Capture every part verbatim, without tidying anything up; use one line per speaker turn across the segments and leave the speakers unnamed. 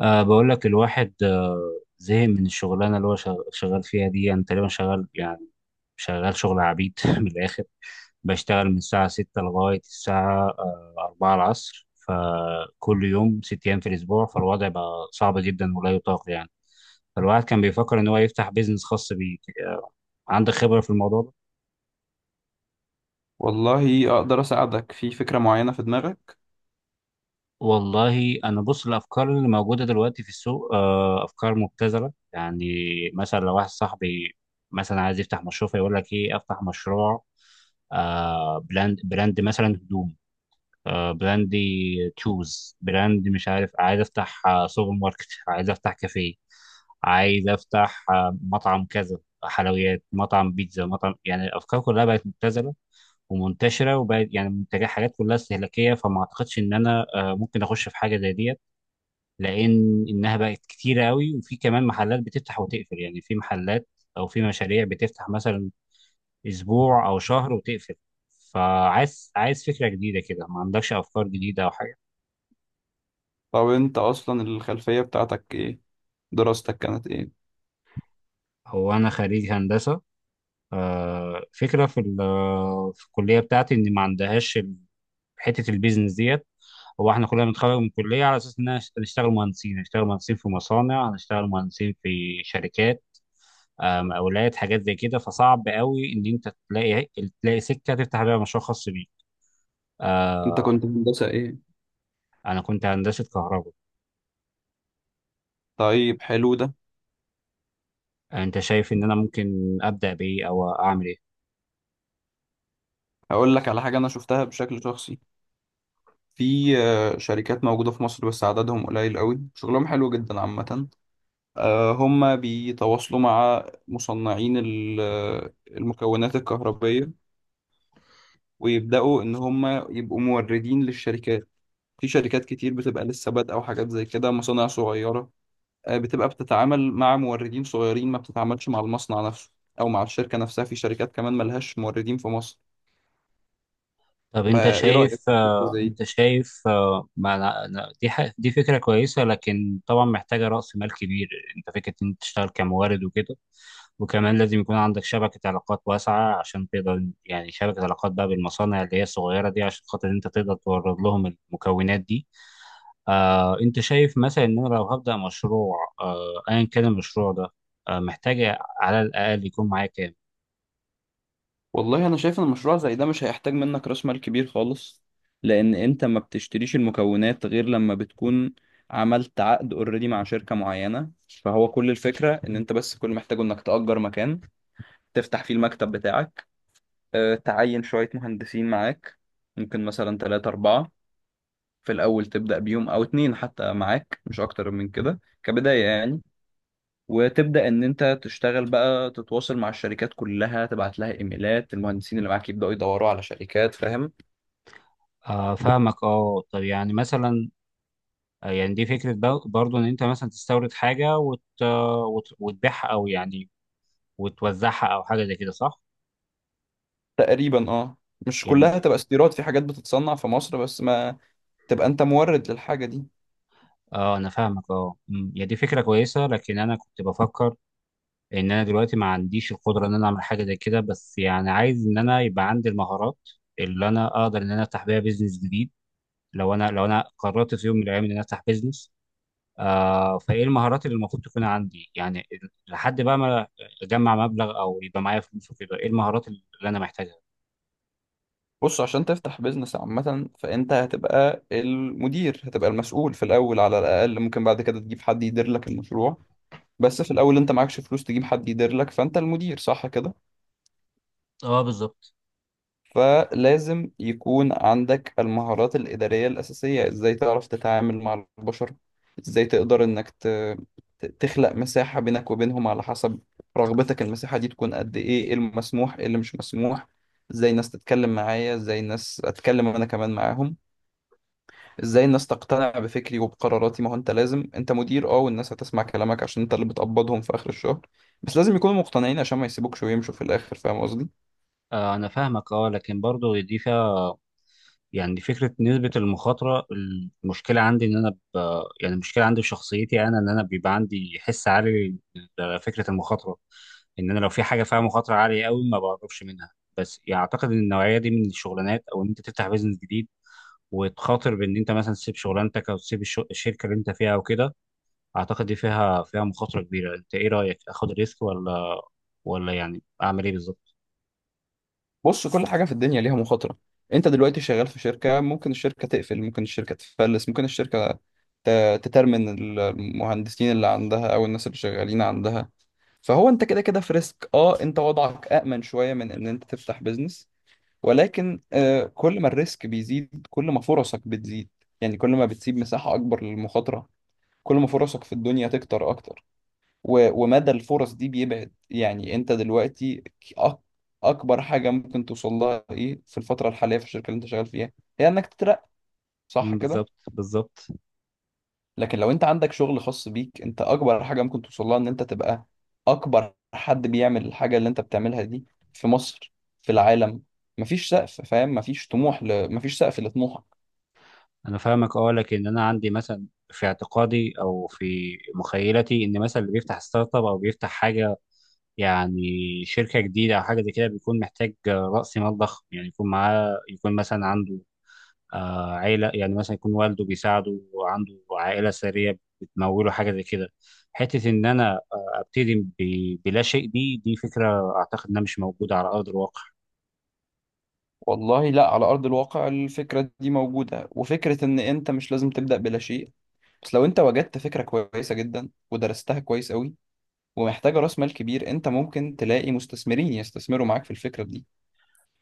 أه بقول لك الواحد آه، زهق من الشغلانة اللي هو شغ- شغال فيها دي. أنا تقريبا شغال، يعني شغال شغل عبيد من الآخر. بشتغل من الساعة ستة لغاية الساعة آه، أربعة العصر، فكل يوم ست أيام في الأسبوع. فالوضع بقى صعب جدا ولا يطاق، يعني فالواحد كان بيفكر إن هو يفتح بيزنس خاص بيه. آه، عندك خبرة في الموضوع ده؟
والله اقدر اساعدك في فكرة معينة في دماغك.
والله انا بص، الافكار اللي موجوده دلوقتي في السوق آه، افكار مبتذله يعني. مثلا لو واحد صاحبي مثلا عايز يفتح مشروع، فيقول لك ايه، افتح مشروع آه، براند براند مثلا هدوم. آه، براند، تشوز براند، مش عارف. عايز افتح آه، سوبر ماركت عايز افتح كافيه. عايز افتح آه، مطعم كذا، حلويات، مطعم بيتزا، مطعم. يعني الافكار كلها بقت مبتذله ومنتشره، وبقت يعني منتجات، حاجات كلها استهلاكيه. فما اعتقدش ان انا آه، ممكن اخش في حاجه زي دي، لان انها بقت كتيره قوي. وفي كمان محلات بتفتح وتقفل، يعني في محلات او في مشاريع بتفتح مثلا اسبوع او شهر وتقفل. فعايز عايز فكره جديده كده. ما عندكش افكار جديده او حاجه؟
طب انت اصلا الخلفية بتاعتك ايه؟ دراستك كانت ايه؟
هو انا خريج هندسه. آه، فكره في ال- في الكليه بتاعتي ان ما عندهاش حته البيزنس ديت. هو احنا كلنا بنتخرج من الكليه على اساس ان إحنا هنشتغل مهندسين، هنشتغل مهندسين في مصانع، هنشتغل مهندسين في شركات. آم، اولاد حاجات زي كده. فصعب قوي ان انت تلاقي تلاقي سكه تفتح بيها مشروع خاص بيك.
انت
آه،
كنت هندسة ايه؟
انا كنت هندسه كهرباء.
طيب، حلو ده.
انت شايف ان انا ممكن ابدا بايه او اعمل ايه؟
هقول لك على حاجة انا شفتها بشكل شخصي. في آه، شركات موجودة في مصر بس عددهم قليل قوي، شغلهم حلو جدا عامة. آه، هم بيتواصلوا مع مصنعين ال- آه، المكونات الكهربية، ويبدأوا ان هم يبقوا موردين للشركات. في شركات كتير بتبقى لسه بادئة وحاجات زي كده، مصانع صغيرة، آه، بتبقى بتتعامل مع موردين صغيرين، ما بتتعاملش مع المصنع نفسه او مع الشركه نفسها. في شركات كمان ملهاش موردين في مصر.
طب انت
فايه رايك
شايف
في فكره
آه،
زي دي؟
انت شايف آه، ما أنا- أنا- دي ح- دي فكره كويسه، لكن طبعا محتاجه راس مال كبير. انت فكره ان انت تشتغل كمورد وكده، وكمان لازم يكون عندك شبكة علاقات واسعة عشان تقدر، يعني شبكة علاقات بقى بالمصانع اللي هي الصغيرة دي، عشان خاطر انت تقدر تورد لهم المكونات دي. آه، انت شايف مثلا ان انا لو هبدا مشروع آه، ايا كان المشروع ده، آه، محتاج على الاقل يكون معايا كام؟
والله انا شايف ان مشروع زي ده مش هيحتاج منك راس مال كبير خالص، لان انت ما بتشتريش المكونات غير لما بتكون عملت عقد اوريدي مع شركه معينه. فهو كل الفكره ان انت بس، كل اللي محتاجه انك تأجر مكان تفتح فيه المكتب بتاعك، آه، تعين شويه مهندسين معاك، ممكن مثلا ثلاثة أربعة. في الأول تبدأ بيوم أو اتنين حتى معاك، مش أكتر من كده كبداية يعني. وتبدأ إن أنت تشتغل بقى، تتواصل مع الشركات كلها، تبعت لها إيميلات، المهندسين اللي معاك يبدأوا يدوروا على شركات، فاهم.
آه، فاهمك. اه طب يعني مثلا آه، يعني دي فكره بر- برضو ان انت مثلا تستورد حاجه وت... وت... وتبيعها، او يعني وتوزعها او حاجه زي كده، صح؟
تقريبا أه. مش كلها
يعني
تبقى استيراد، في حاجات بتتصنع في مصر بس، ما تبقى أنت مورد للحاجة دي.
اه انا فاهمك. اه أمم، هي دي فكره كويسه، لكن انا كنت بفكر ان انا دلوقتي ما عنديش القدره ان انا اعمل حاجه زي كده. بس يعني عايز ان انا يبقى عندي المهارات اللي انا اقدر ان انا افتح بيها بيزنس جديد، لو انا لو انا قررت في يوم من الايام ان انا افتح بيزنس. آه، فايه المهارات اللي المفروض تكون عندي، يعني ال- لحد بقى ما اجمع مبلغ او يبقى معايا فلوس وكده. ايه المهارات اللي انا محتاجها؟
بص، عشان تفتح بيزنس عامة فأنت هتبقى المدير، هتبقى المسؤول في الأول على الأقل. ممكن بعد كده تجيب حد يدير لك المشروع، بس في الأول أنت معكش فلوس تجيب حد يدير لك، فأنت المدير، صح كده؟
اه بالظبط.
فلازم يكون عندك المهارات الإدارية الأساسية. إزاي تعرف تتعامل مع البشر، إزاي تقدر إنك ت... ت- تخلق مساحة بينك وبينهم على حسب رغبتك. المساحة دي تكون قد إيه، إيه المسموح، إيه اللي مش مسموح، إزاي الناس تتكلم معايا، إزاي الناس أتكلم أنا كمان معاهم، إزاي الناس تقتنع بفكري وبقراراتي. ما هو أنت لازم، أنت مدير، أه، والناس هتسمع كلامك عشان أنت اللي بتقبضهم في آخر الشهر، بس لازم يكونوا مقتنعين عشان ما يسيبوكش ويمشوا في الآخر، فاهم قصدي؟
آه انا فاهمك. اه لكن برضه دي فيها، يعني فكره نسبه المخاطره. المشكله عندي ان انا ب... يعني المشكله عندي في شخصيتي انا ان انا بيبقى عندي حس عالي لفكره المخاطره. ان انا لو في حاجه فيها مخاطره عاليه قوي، ما بعرفش منها. بس يعني اعتقد ان النوعيه دي من الشغلانات، او ان انت تفتح بيزنس جديد وتخاطر بان انت مثلا تسيب شغلانتك، او تسيب الشو- الشركه اللي انت فيها او كده، اعتقد دي فيها فيها مخاطره كبيره. انت ايه رايك؟ اخد ريسك ولا ولا يعني اعمل ايه بالظبط؟
بص، كل حاجة في الدنيا ليها مخاطرة. انت دلوقتي شغال في شركة، ممكن الشركة تقفل، ممكن الشركة تفلس، ممكن الشركة ت- تترمن المهندسين اللي عندها او الناس اللي شغالين عندها. فهو انت كده كده في ريسك. اه، انت وضعك أأمن شوية من ان انت تفتح بيزنس، ولكن آه، كل ما الريسك بيزيد كل ما فرصك بتزيد. يعني كل ما بتسيب مساحة اكبر للمخاطرة، كل ما فرصك في الدنيا تكتر اكتر، و- ومدى الفرص دي بيبعد. يعني انت دلوقتي ك- أك- اكبر حاجه ممكن توصل لها ايه في الفتره الحاليه في الشركه اللي انت شغال فيها، هي انك تترقى، صح
مم،
كده؟
بالظبط بالظبط.
لكن لو انت عندك شغل خاص بيك، انت اكبر حاجه ممكن توصل لها ان انت تبقى اكبر حد بيعمل الحاجه اللي انت بتعملها دي في مصر، في العالم. مفيش سقف، فاهم؟ مفيش طموح ل... مفيش سقف لطموحك.
انا فاهمك. اه لكن انا عندي مثلا في اعتقادي او في مخيلتي ان مثلا اللي بيفتح ستارت اب او بيفتح حاجه، يعني شركه جديده او حاجه زي كده، بيكون محتاج آه، راس مال ضخم. يعني يكون معاه، يكون مثلا عنده آه، عيلة، يعني مثلا يكون والده بيساعده، وعنده عائلة ثرية بتموله حاجة زي كده. حتة إن أنا آه، أبتدي ب- بلا شيء، دي دي فكرة أعتقد إنها مش موجودة على أرض الواقع.
والله لا، على ارض الواقع الفكره دي موجوده، وفكره ان انت مش لازم تبدا بلا شيء. بس لو انت وجدت فكرة كويسة جدا ودرستها كويس قوي ومحتاجة راس مال كبير، انت ممكن تلاقي مستثمرين يستثمروا معاك في الفكرة دي.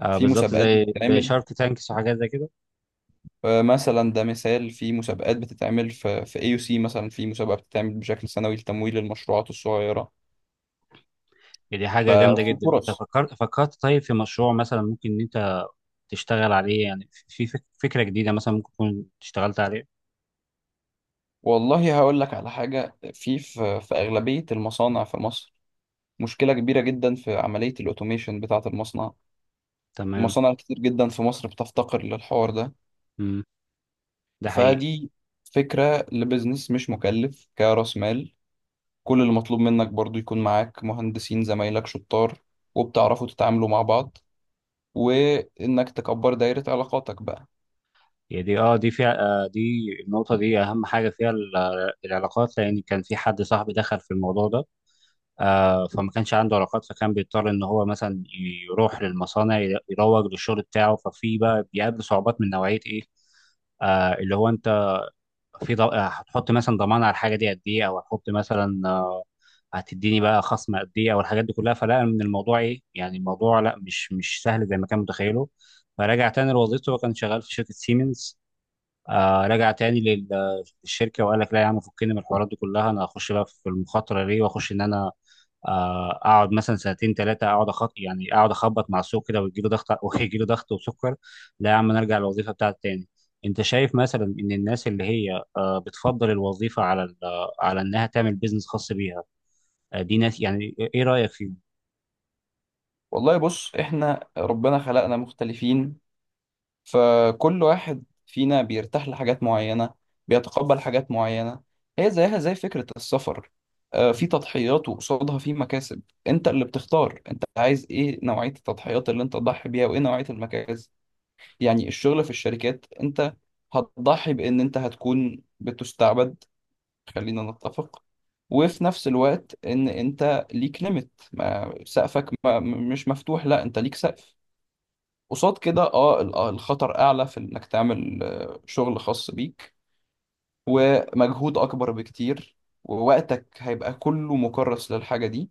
آه،
في
بالظبط،
مسابقات
زي زي
بتتعمل،
شارك تانكس وحاجات زي كده.
آه، مثلا ده مثال، في مسابقات بتتعمل في في اي سي مثلا، في مسابقة بتتعمل بشكل سنوي لتمويل المشروعات الصغيرة.
دي حاجة جامدة اه
ففي
جدا. أنت
فرص.
فكرت فكرت طيب في مشروع مثلا ممكن إن أنت تشتغل عليه؟ يعني في في فك- فكرة جديدة مثلا ممكن تكون اشتغلت عليه؟
والله هقول لك على حاجة، في في في أغلبية المصانع في مصر مشكلة كبيرة جدا في عملية الأوتوميشن بتاعة المصنع.
تمام.
المصانع كتير جدا في مصر بتفتقر للحوار ده.
مم. ده حقيقي.
فدي فكرة لبزنس مش مكلف كرأس مال. كل اللي مطلوب منك برضو يكون معاك مهندسين زمايلك شطار، وبتعرفوا تتعاملوا مع بعض، وإنك تكبر دايرة علاقاتك بقى.
هي دي اه دي فيها آه دي النقطة دي أهم حاجة فيها ال- آه، العلاقات. لأن كان في حد صاحبي دخل في الموضوع ده. آه فما كانش عنده علاقات، فكان بيضطر إن هو مثلا يروح للمصانع ي- يروج للشغل بتاعه، ففي بقى بيقابل صعوبات من نوعية إيه، آه اللي هو أنت في ض- آه، هتحط مثلا ضمان على الحاجة دي قد إيه، أو هتحط مثلا آه هتديني بقى خصم قد إيه، أو الحاجات دي كلها. فلا، من الموضوع إيه يعني، الموضوع لا، مش مش سهل زي ما كان متخيله. فرجع تاني لوظيفته، وكان شغال في شركة سيمنز. آه رجع تاني لل- للشركه، وقال لك لا يا عم فكني من الحوارات دي كلها. انا هخش بقى في المخاطره ليه، واخش ان انا آه اقعد مثلا سنتين ثلاثه، اقعد أخط... يعني اقعد اخبط مع السوق كده، ويجي له ضغط ويجي له ضغط وسكر. لا يا عم نرجع للوظيفه بتاعت تاني. انت شايف مثلا ان الناس اللي هي آه بتفضل الوظيفه على ال- على انها تعمل بيزنس خاص بيها، آه دي ناس، يعني ايه رايك فيهم؟
والله بص، إحنا ربنا خلقنا مختلفين، فكل واحد فينا بيرتاح لحاجات معينة، بيتقبل حاجات معينة. هي زيها زي فكرة السفر. آه، في تضحيات وقصادها في مكاسب، انت اللي بتختار انت عايز ايه، نوعية التضحيات اللي انت تضحي بيها وايه نوعية المكاسب. يعني الشغل في الشركات انت هتضحي بان انت هتكون بتستعبد، خلينا نتفق، وفي نفس الوقت ان انت ليك ليميت، ما سقفك ما م- مش مفتوح، لا انت ليك سقف. قصاد كده اه ال- آه، الخطر اعلى في انك تعمل آه، شغل خاص بيك ومجهود اكبر بكتير، ووقتك هيبقى كله مكرس للحاجة دي.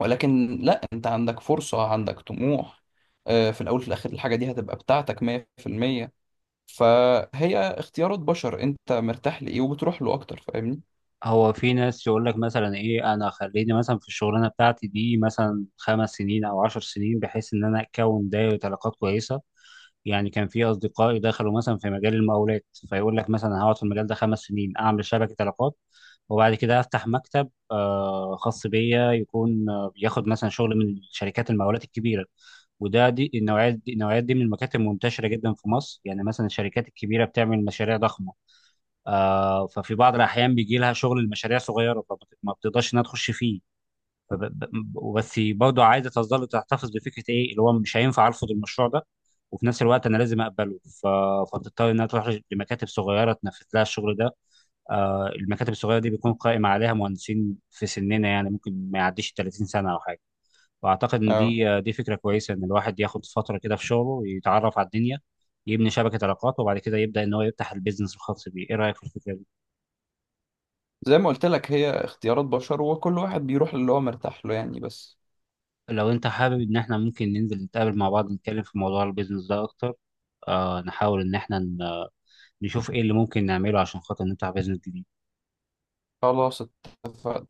ولكن لا، انت عندك فرصة، عندك طموح. آه، في الاول وفي الاخر الحاجة دي هتبقى بتاعتك مية في المية. فهي اختيارات بشر، انت مرتاح لايه وبتروح له اكتر، فاهمني؟
هو في ناس يقول لك مثلا ايه انا خليني مثلا في الشغلانه بتاعتي دي مثلا خمس سنين او عشر سنين، بحيث ان انا اكون دايره علاقات كويسه. يعني كان في اصدقائي دخلوا مثلا في مجال المقاولات، فيقول لك مثلا هقعد في المجال ده خمس سنين اعمل شبكه علاقات، وبعد كده افتح مكتب آه، خاص بيا، يكون آه، بياخد مثلا شغل من شركات المقاولات الكبيره. وده دي النوعيات دي النوعيات دي من المكاتب منتشره جدا في مصر. يعني مثلا الشركات الكبيره بتعمل مشاريع ضخمه، آه، ففي بعض الاحيان بيجي لها شغل المشاريع صغيره، فما ما بتقدرش انها تخش فيه. فب- ب- بس برضه عايزه تظل تحتفظ بفكره ايه اللي هو مش هينفع ارفض المشروع ده، وفي نفس الوقت انا لازم اقبله. ف... فتضطر انها تروح لمكاتب صغيره تنفذ لها الشغل ده. آه، المكاتب الصغيره دي بيكون قائم عليها مهندسين في سننا، يعني ممكن ما يعديش ثلاثين سنه او حاجه. واعتقد ان
اه،
دي آه، دي فكره كويسه، ان الواحد ياخد فتره كده في شغله ويتعرف على الدنيا، يبني شبكه علاقات، وبعد كده يبدا ان هو يفتح البيزنس الخاص بيه. ايه رايك في الفكره دي؟
زي ما قلت لك هي اختيارات بشر، وكل واحد بيروح للي هو مرتاح له يعني. بس
لو انت حابب ان احنا ممكن ننزل نتقابل مع بعض نتكلم في موضوع البيزنس ده اكتر، آه نحاول ان احنا ن- نشوف ايه اللي ممكن نعمله عشان خاطر نفتح بيزنس جديد.
خلاص، اتفقنا.